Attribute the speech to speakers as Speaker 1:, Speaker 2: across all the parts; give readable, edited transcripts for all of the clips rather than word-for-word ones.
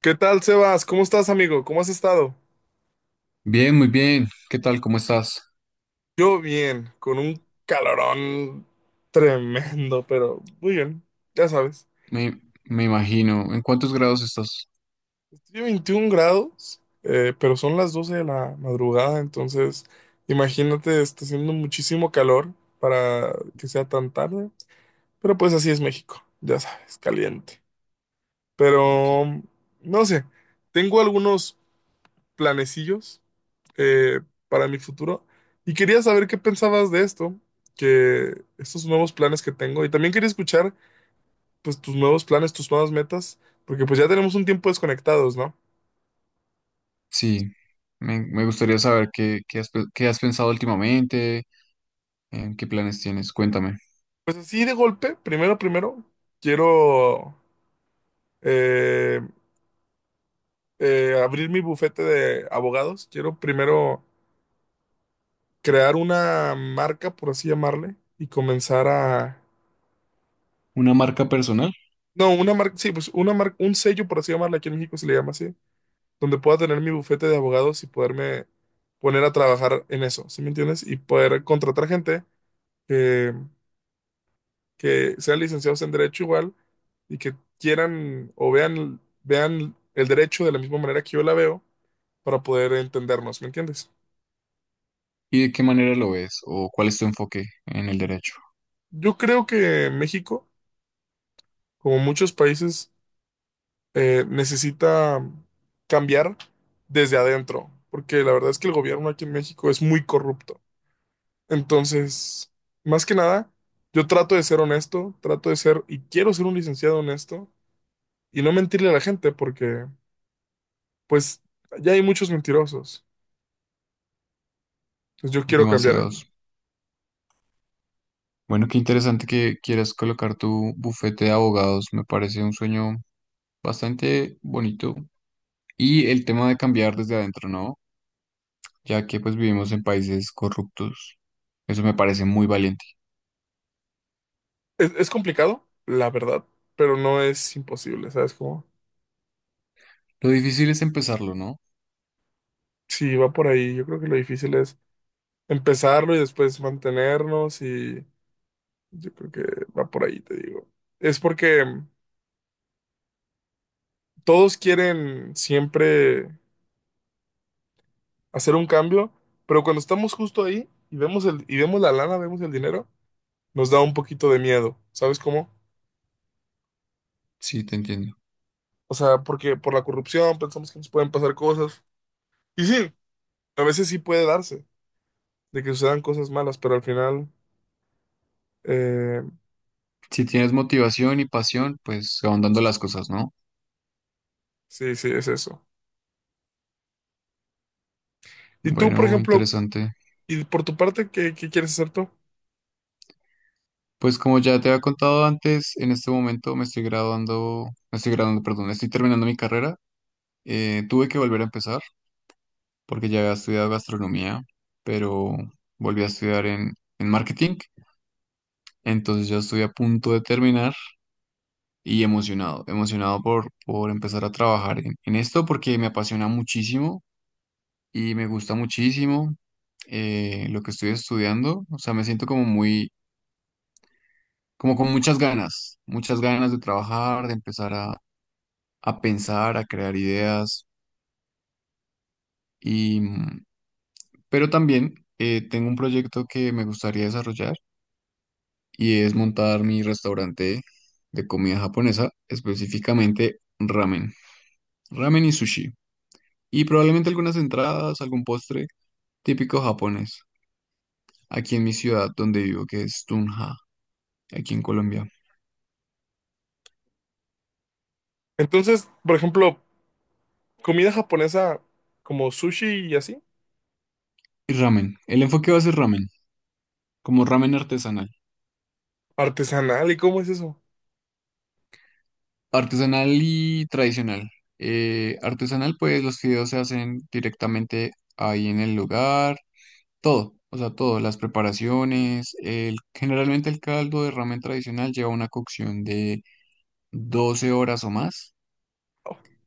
Speaker 1: ¿Qué tal, Sebas? ¿Cómo estás, amigo? ¿Cómo has estado?
Speaker 2: Bien, muy bien. ¿Qué tal? ¿Cómo estás?
Speaker 1: Yo bien, con un calorón tremendo, pero muy bien, ya sabes.
Speaker 2: Me imagino. ¿En cuántos grados estás?
Speaker 1: Estoy a 21 grados, pero son las 12 de la madrugada, entonces imagínate, está haciendo muchísimo calor para que sea tan tarde, pero pues así es México, ya sabes, caliente.
Speaker 2: Ok.
Speaker 1: Pero, no sé, tengo algunos planecillos eh, para mi futuro. Y quería saber qué pensabas de esto, que estos nuevos planes que tengo. Y también quería escuchar, pues, tus nuevos planes, tus nuevas metas, porque pues ya tenemos un tiempo desconectados, ¿no?
Speaker 2: Sí, me gustaría saber qué has pensado últimamente, en qué planes tienes. Cuéntame.
Speaker 1: Pues así de golpe, primero, quiero eh, abrir mi bufete de abogados. Quiero primero crear una marca, por así llamarle, y comenzar a...
Speaker 2: ¿Una marca personal?
Speaker 1: No, una marca, sí, pues una marca, un sello, por así llamarle, aquí en México se le llama así, donde pueda tener mi bufete de abogados y poderme poner a trabajar en eso, ¿sí me entiendes? Y poder contratar gente que, que sean licenciados en derecho igual y que quieran o vean el derecho de la misma manera que yo la veo para poder entendernos, ¿me entiendes?
Speaker 2: ¿Y de qué manera lo ves? ¿O cuál es tu enfoque en el derecho?
Speaker 1: Yo creo que México, como muchos países, necesita cambiar desde adentro, porque la verdad es que el gobierno aquí en México es muy corrupto. Entonces, más que nada, yo trato de ser honesto, trato de ser, y quiero ser un licenciado honesto, y no mentirle a la gente, porque, pues, ya hay muchos mentirosos. Entonces, yo quiero cambiar
Speaker 2: Demasiados.
Speaker 1: eso.
Speaker 2: Bueno, qué interesante que quieras colocar tu bufete de abogados. Me parece un sueño bastante bonito. Y el tema de cambiar desde adentro, ¿no? Ya que pues vivimos en países corruptos. Eso me parece muy valiente.
Speaker 1: Es complicado, la verdad, pero no es imposible, ¿sabes cómo?
Speaker 2: Lo difícil es empezarlo, ¿no?
Speaker 1: Si va por ahí, yo creo que lo difícil es empezarlo y después mantenernos, y yo creo que va por ahí, te digo. Es porque todos quieren siempre hacer un cambio, pero cuando estamos justo ahí y vemos y vemos la lana, vemos el dinero, nos da un poquito de miedo, ¿sabes cómo?
Speaker 2: Sí, te entiendo.
Speaker 1: O sea, porque por la corrupción pensamos que nos pueden pasar cosas. Y sí, a veces sí puede darse, de que sucedan cosas malas, pero al final, eh,
Speaker 2: Si tienes motivación y
Speaker 1: eh,
Speaker 2: pasión, pues se van dando
Speaker 1: justo.
Speaker 2: las cosas, ¿no?
Speaker 1: Sí, sí, es eso. Y tú, por
Speaker 2: Bueno,
Speaker 1: ejemplo,
Speaker 2: interesante.
Speaker 1: y por tu parte, ¿qué quieres hacer tú?
Speaker 2: Pues como ya te había contado antes, en este momento me estoy graduando, perdón, estoy terminando mi carrera. Tuve que volver a empezar porque ya había estudiado gastronomía, pero volví a estudiar en marketing. Entonces ya estoy a punto de terminar y emocionado, emocionado por empezar a trabajar en esto porque me apasiona muchísimo y me gusta muchísimo lo que estoy estudiando. O sea, me siento como muy, como con muchas ganas de trabajar, de empezar a pensar, a crear ideas. Y, mm, pero también tengo un proyecto que me gustaría desarrollar y es montar mi restaurante de comida japonesa, específicamente ramen, ramen y sushi. Y probablemente algunas entradas, algún postre típico japonés, aquí en mi ciudad donde vivo, que es Tunja, aquí en Colombia.
Speaker 1: Entonces, por ejemplo, comida japonesa como sushi y así,
Speaker 2: Y ramen. El enfoque va a ser ramen, como ramen artesanal.
Speaker 1: artesanal, ¿y cómo es eso?
Speaker 2: Artesanal y tradicional. Artesanal, pues los fideos se hacen directamente ahí en el lugar, todo, o sea, todo, las preparaciones. Generalmente el caldo de ramen tradicional lleva una cocción de 12 horas o más,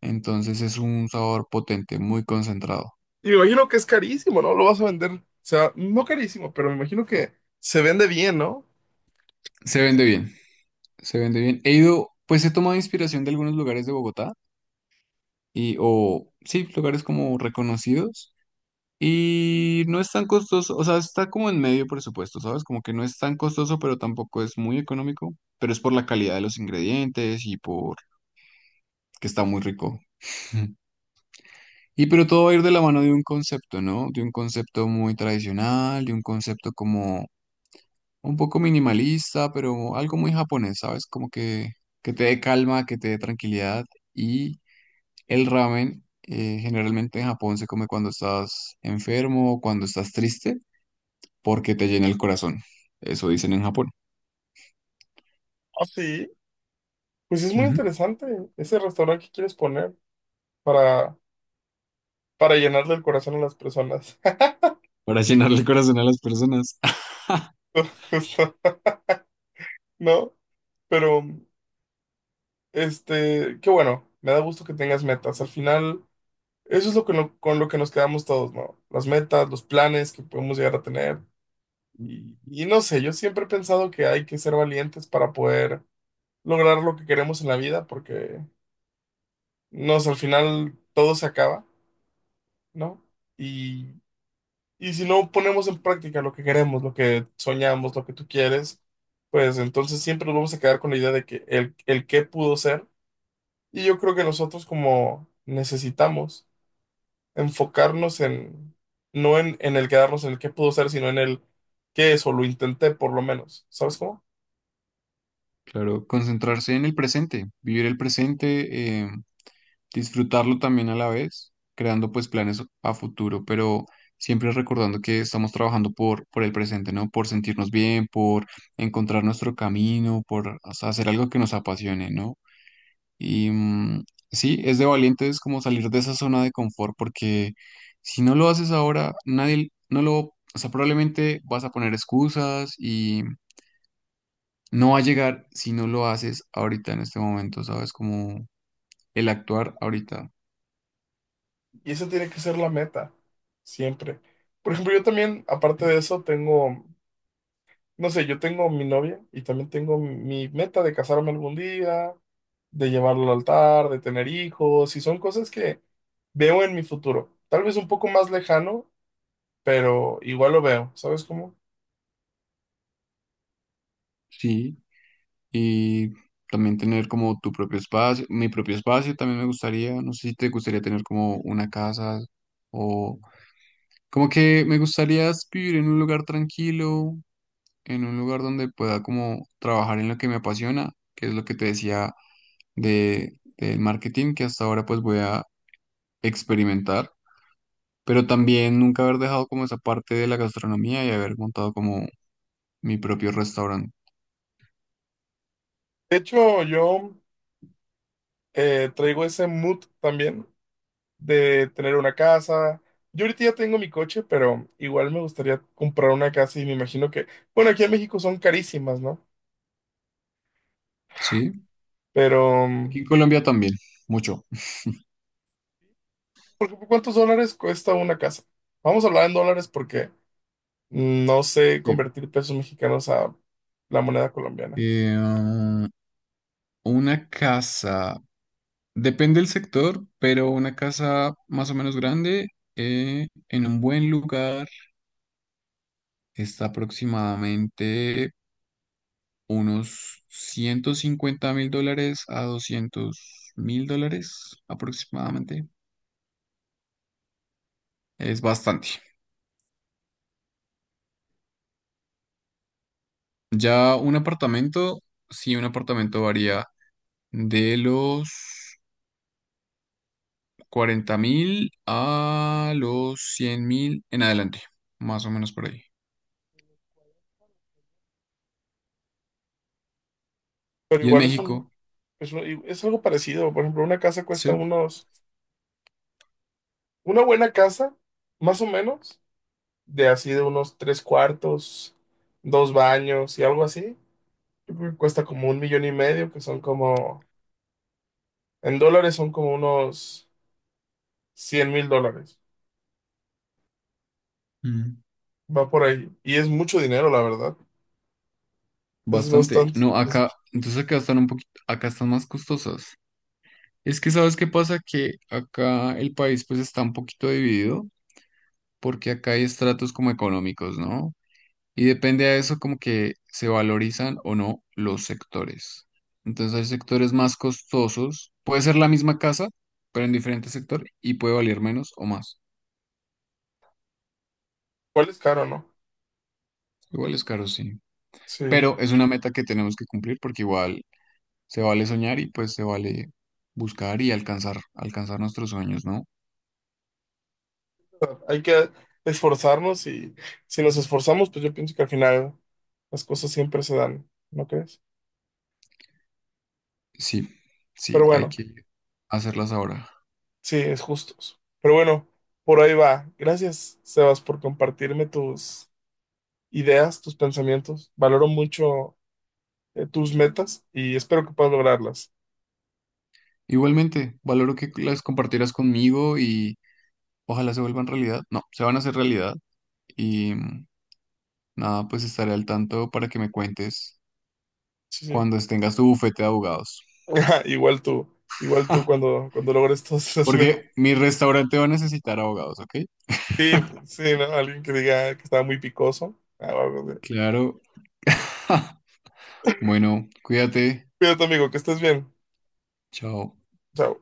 Speaker 2: entonces es un sabor potente, muy concentrado.
Speaker 1: Y me imagino que es carísimo, ¿no? Lo vas a vender, o sea, no carísimo, pero me imagino que se vende bien, ¿no?
Speaker 2: Se vende bien, se vende bien. He ido, pues he tomado inspiración de algunos lugares de Bogotá y, o sí, lugares como reconocidos. Y no es tan costoso, o sea, está como en medio presupuesto, ¿sabes? Como que no es tan costoso, pero tampoco es muy económico, pero es por la calidad de los ingredientes y por que está muy rico. Y pero todo va a ir de la mano de un concepto, ¿no? De un concepto muy tradicional, de un concepto como un poco minimalista, pero algo muy japonés, ¿sabes? Como que te dé calma, que te dé tranquilidad. Y el ramen generalmente en Japón se come cuando estás enfermo o cuando estás triste, porque te llena el corazón. Eso dicen en Japón.
Speaker 1: Ah, sí. Pues es muy
Speaker 2: Ujú.
Speaker 1: interesante ese restaurante que quieres poner para, para llenarle el corazón a las personas.
Speaker 2: Para llenarle el corazón a las personas.
Speaker 1: Justo, ¿no? Pero, este, qué bueno, me da gusto que tengas metas. Al final, eso es lo que con lo que nos quedamos todos, ¿no? Las metas, los planes que podemos llegar a tener. Y no sé, yo siempre he pensado que hay que ser valientes para poder lograr lo que queremos en la vida, porque, no sé, al final todo se acaba, ¿no? Y, y si no ponemos en práctica lo que queremos, lo que soñamos, lo que tú quieres, pues entonces siempre nos vamos a quedar con la idea de que el qué pudo ser. Y yo creo que nosotros como necesitamos enfocarnos en, no en, el quedarnos en el qué pudo ser, sino en el qué es o lo intenté por lo menos, ¿sabes cómo?
Speaker 2: Claro, concentrarse en el presente, vivir el presente, disfrutarlo también a la vez, creando pues planes a futuro, pero siempre recordando que estamos trabajando por el presente, ¿no? Por sentirnos bien, por encontrar nuestro camino, por o sea, hacer algo que nos apasione, ¿no? Y mm, sí, es de valientes como salir de esa zona de confort, porque si no lo haces ahora, nadie no lo, o sea, probablemente vas a poner excusas y no va a llegar si no lo haces ahorita en este momento, ¿sabes? Como el actuar ahorita.
Speaker 1: Y eso tiene que ser la meta, siempre. Por ejemplo, yo también, aparte de eso, tengo, no sé, yo tengo mi novia y también tengo mi meta de casarme algún día, de llevarlo al altar, de tener hijos, y son cosas que veo en mi futuro. Tal vez un poco más lejano, pero igual lo veo, ¿sabes cómo?
Speaker 2: Sí, y también tener como tu propio espacio, mi propio espacio también me gustaría, no sé si te gustaría tener como una casa o como que me gustaría vivir en un lugar tranquilo, en un lugar donde pueda como trabajar en lo que me apasiona, que es lo que te decía de, del marketing, que hasta ahora pues voy a experimentar, pero también nunca haber dejado como esa parte de la gastronomía y haber montado como mi propio restaurante.
Speaker 1: De hecho, yo traigo ese mood también de tener una casa. Yo ahorita ya tengo mi coche, pero igual me gustaría comprar una casa y me imagino que, bueno, aquí en México son carísimas, ¿no?
Speaker 2: Sí,
Speaker 1: Pero,
Speaker 2: aquí en Colombia también, mucho.
Speaker 1: por ejemplo, ¿cuántos dólares cuesta una casa? Vamos a hablar en dólares porque no sé
Speaker 2: Sí.
Speaker 1: convertir pesos mexicanos a la moneda colombiana.
Speaker 2: Eh, ah, una casa, depende del sector, pero una casa más o menos grande, en un buen lugar está aproximadamente unos 150.000 dólares a 200.000 dólares aproximadamente. Es bastante. Ya un apartamento, sí, un apartamento varía de los 40.000 a los 100.000 en adelante, más o menos por ahí.
Speaker 1: Pero
Speaker 2: Y en
Speaker 1: igual es un,
Speaker 2: México,
Speaker 1: es algo parecido. Por ejemplo, una casa cuesta
Speaker 2: sí,
Speaker 1: unos, una buena casa, más o menos, de así de unos tres cuartos, dos baños y algo así. Yo creo que cuesta como un millón y medio, que son como, en dólares son como unos 100,000 dólares.
Speaker 2: mm,
Speaker 1: Va por ahí. Y es mucho dinero, la verdad. Es
Speaker 2: bastante.
Speaker 1: bastante.
Speaker 2: No, acá,
Speaker 1: Es-
Speaker 2: entonces acá están un poquito, acá están más costosas. Es que, ¿sabes qué pasa? Que acá el país pues está un poquito dividido, porque acá hay estratos como económicos, ¿no? Y depende de eso como que se valorizan o no los sectores. Entonces hay sectores más costosos, puede ser la misma casa, pero en diferente sector y puede valer menos o más.
Speaker 1: igual es caro, ¿no?
Speaker 2: Igual es caro, sí.
Speaker 1: Sí. O
Speaker 2: Pero es una meta que tenemos que cumplir porque igual se vale soñar y pues se vale buscar y alcanzar nuestros sueños, ¿no?
Speaker 1: sea, hay que esforzarnos y si nos esforzamos, pues yo pienso que al final las cosas siempre se dan, ¿no crees?
Speaker 2: Sí, sí,
Speaker 1: Pero
Speaker 2: hay
Speaker 1: bueno,
Speaker 2: que hacerlas ahora.
Speaker 1: sí, es justos. Pero bueno, por ahí va. Gracias, Sebas, por compartirme tus ideas, tus pensamientos. Valoro mucho, tus metas y espero que puedas lograrlas.
Speaker 2: Igualmente, valoro que las compartieras conmigo y ojalá se vuelvan realidad. No, se van a hacer realidad. Y mm, Nada, pues estaré al tanto para que me cuentes
Speaker 1: Sí, sí.
Speaker 2: cuando tengas tu bufete de abogados.
Speaker 1: Igual tú, igual tú, cuando logres todos los... me-
Speaker 2: Porque mi restaurante va a necesitar abogados, ¿ok?
Speaker 1: Sí, sí, ¿no? Alguien que diga que estaba muy picoso. Ah, va, va, va.
Speaker 2: Claro. Bueno, cuídate.
Speaker 1: Cuídate, amigo, que estés bien.
Speaker 2: Chao.
Speaker 1: Chao.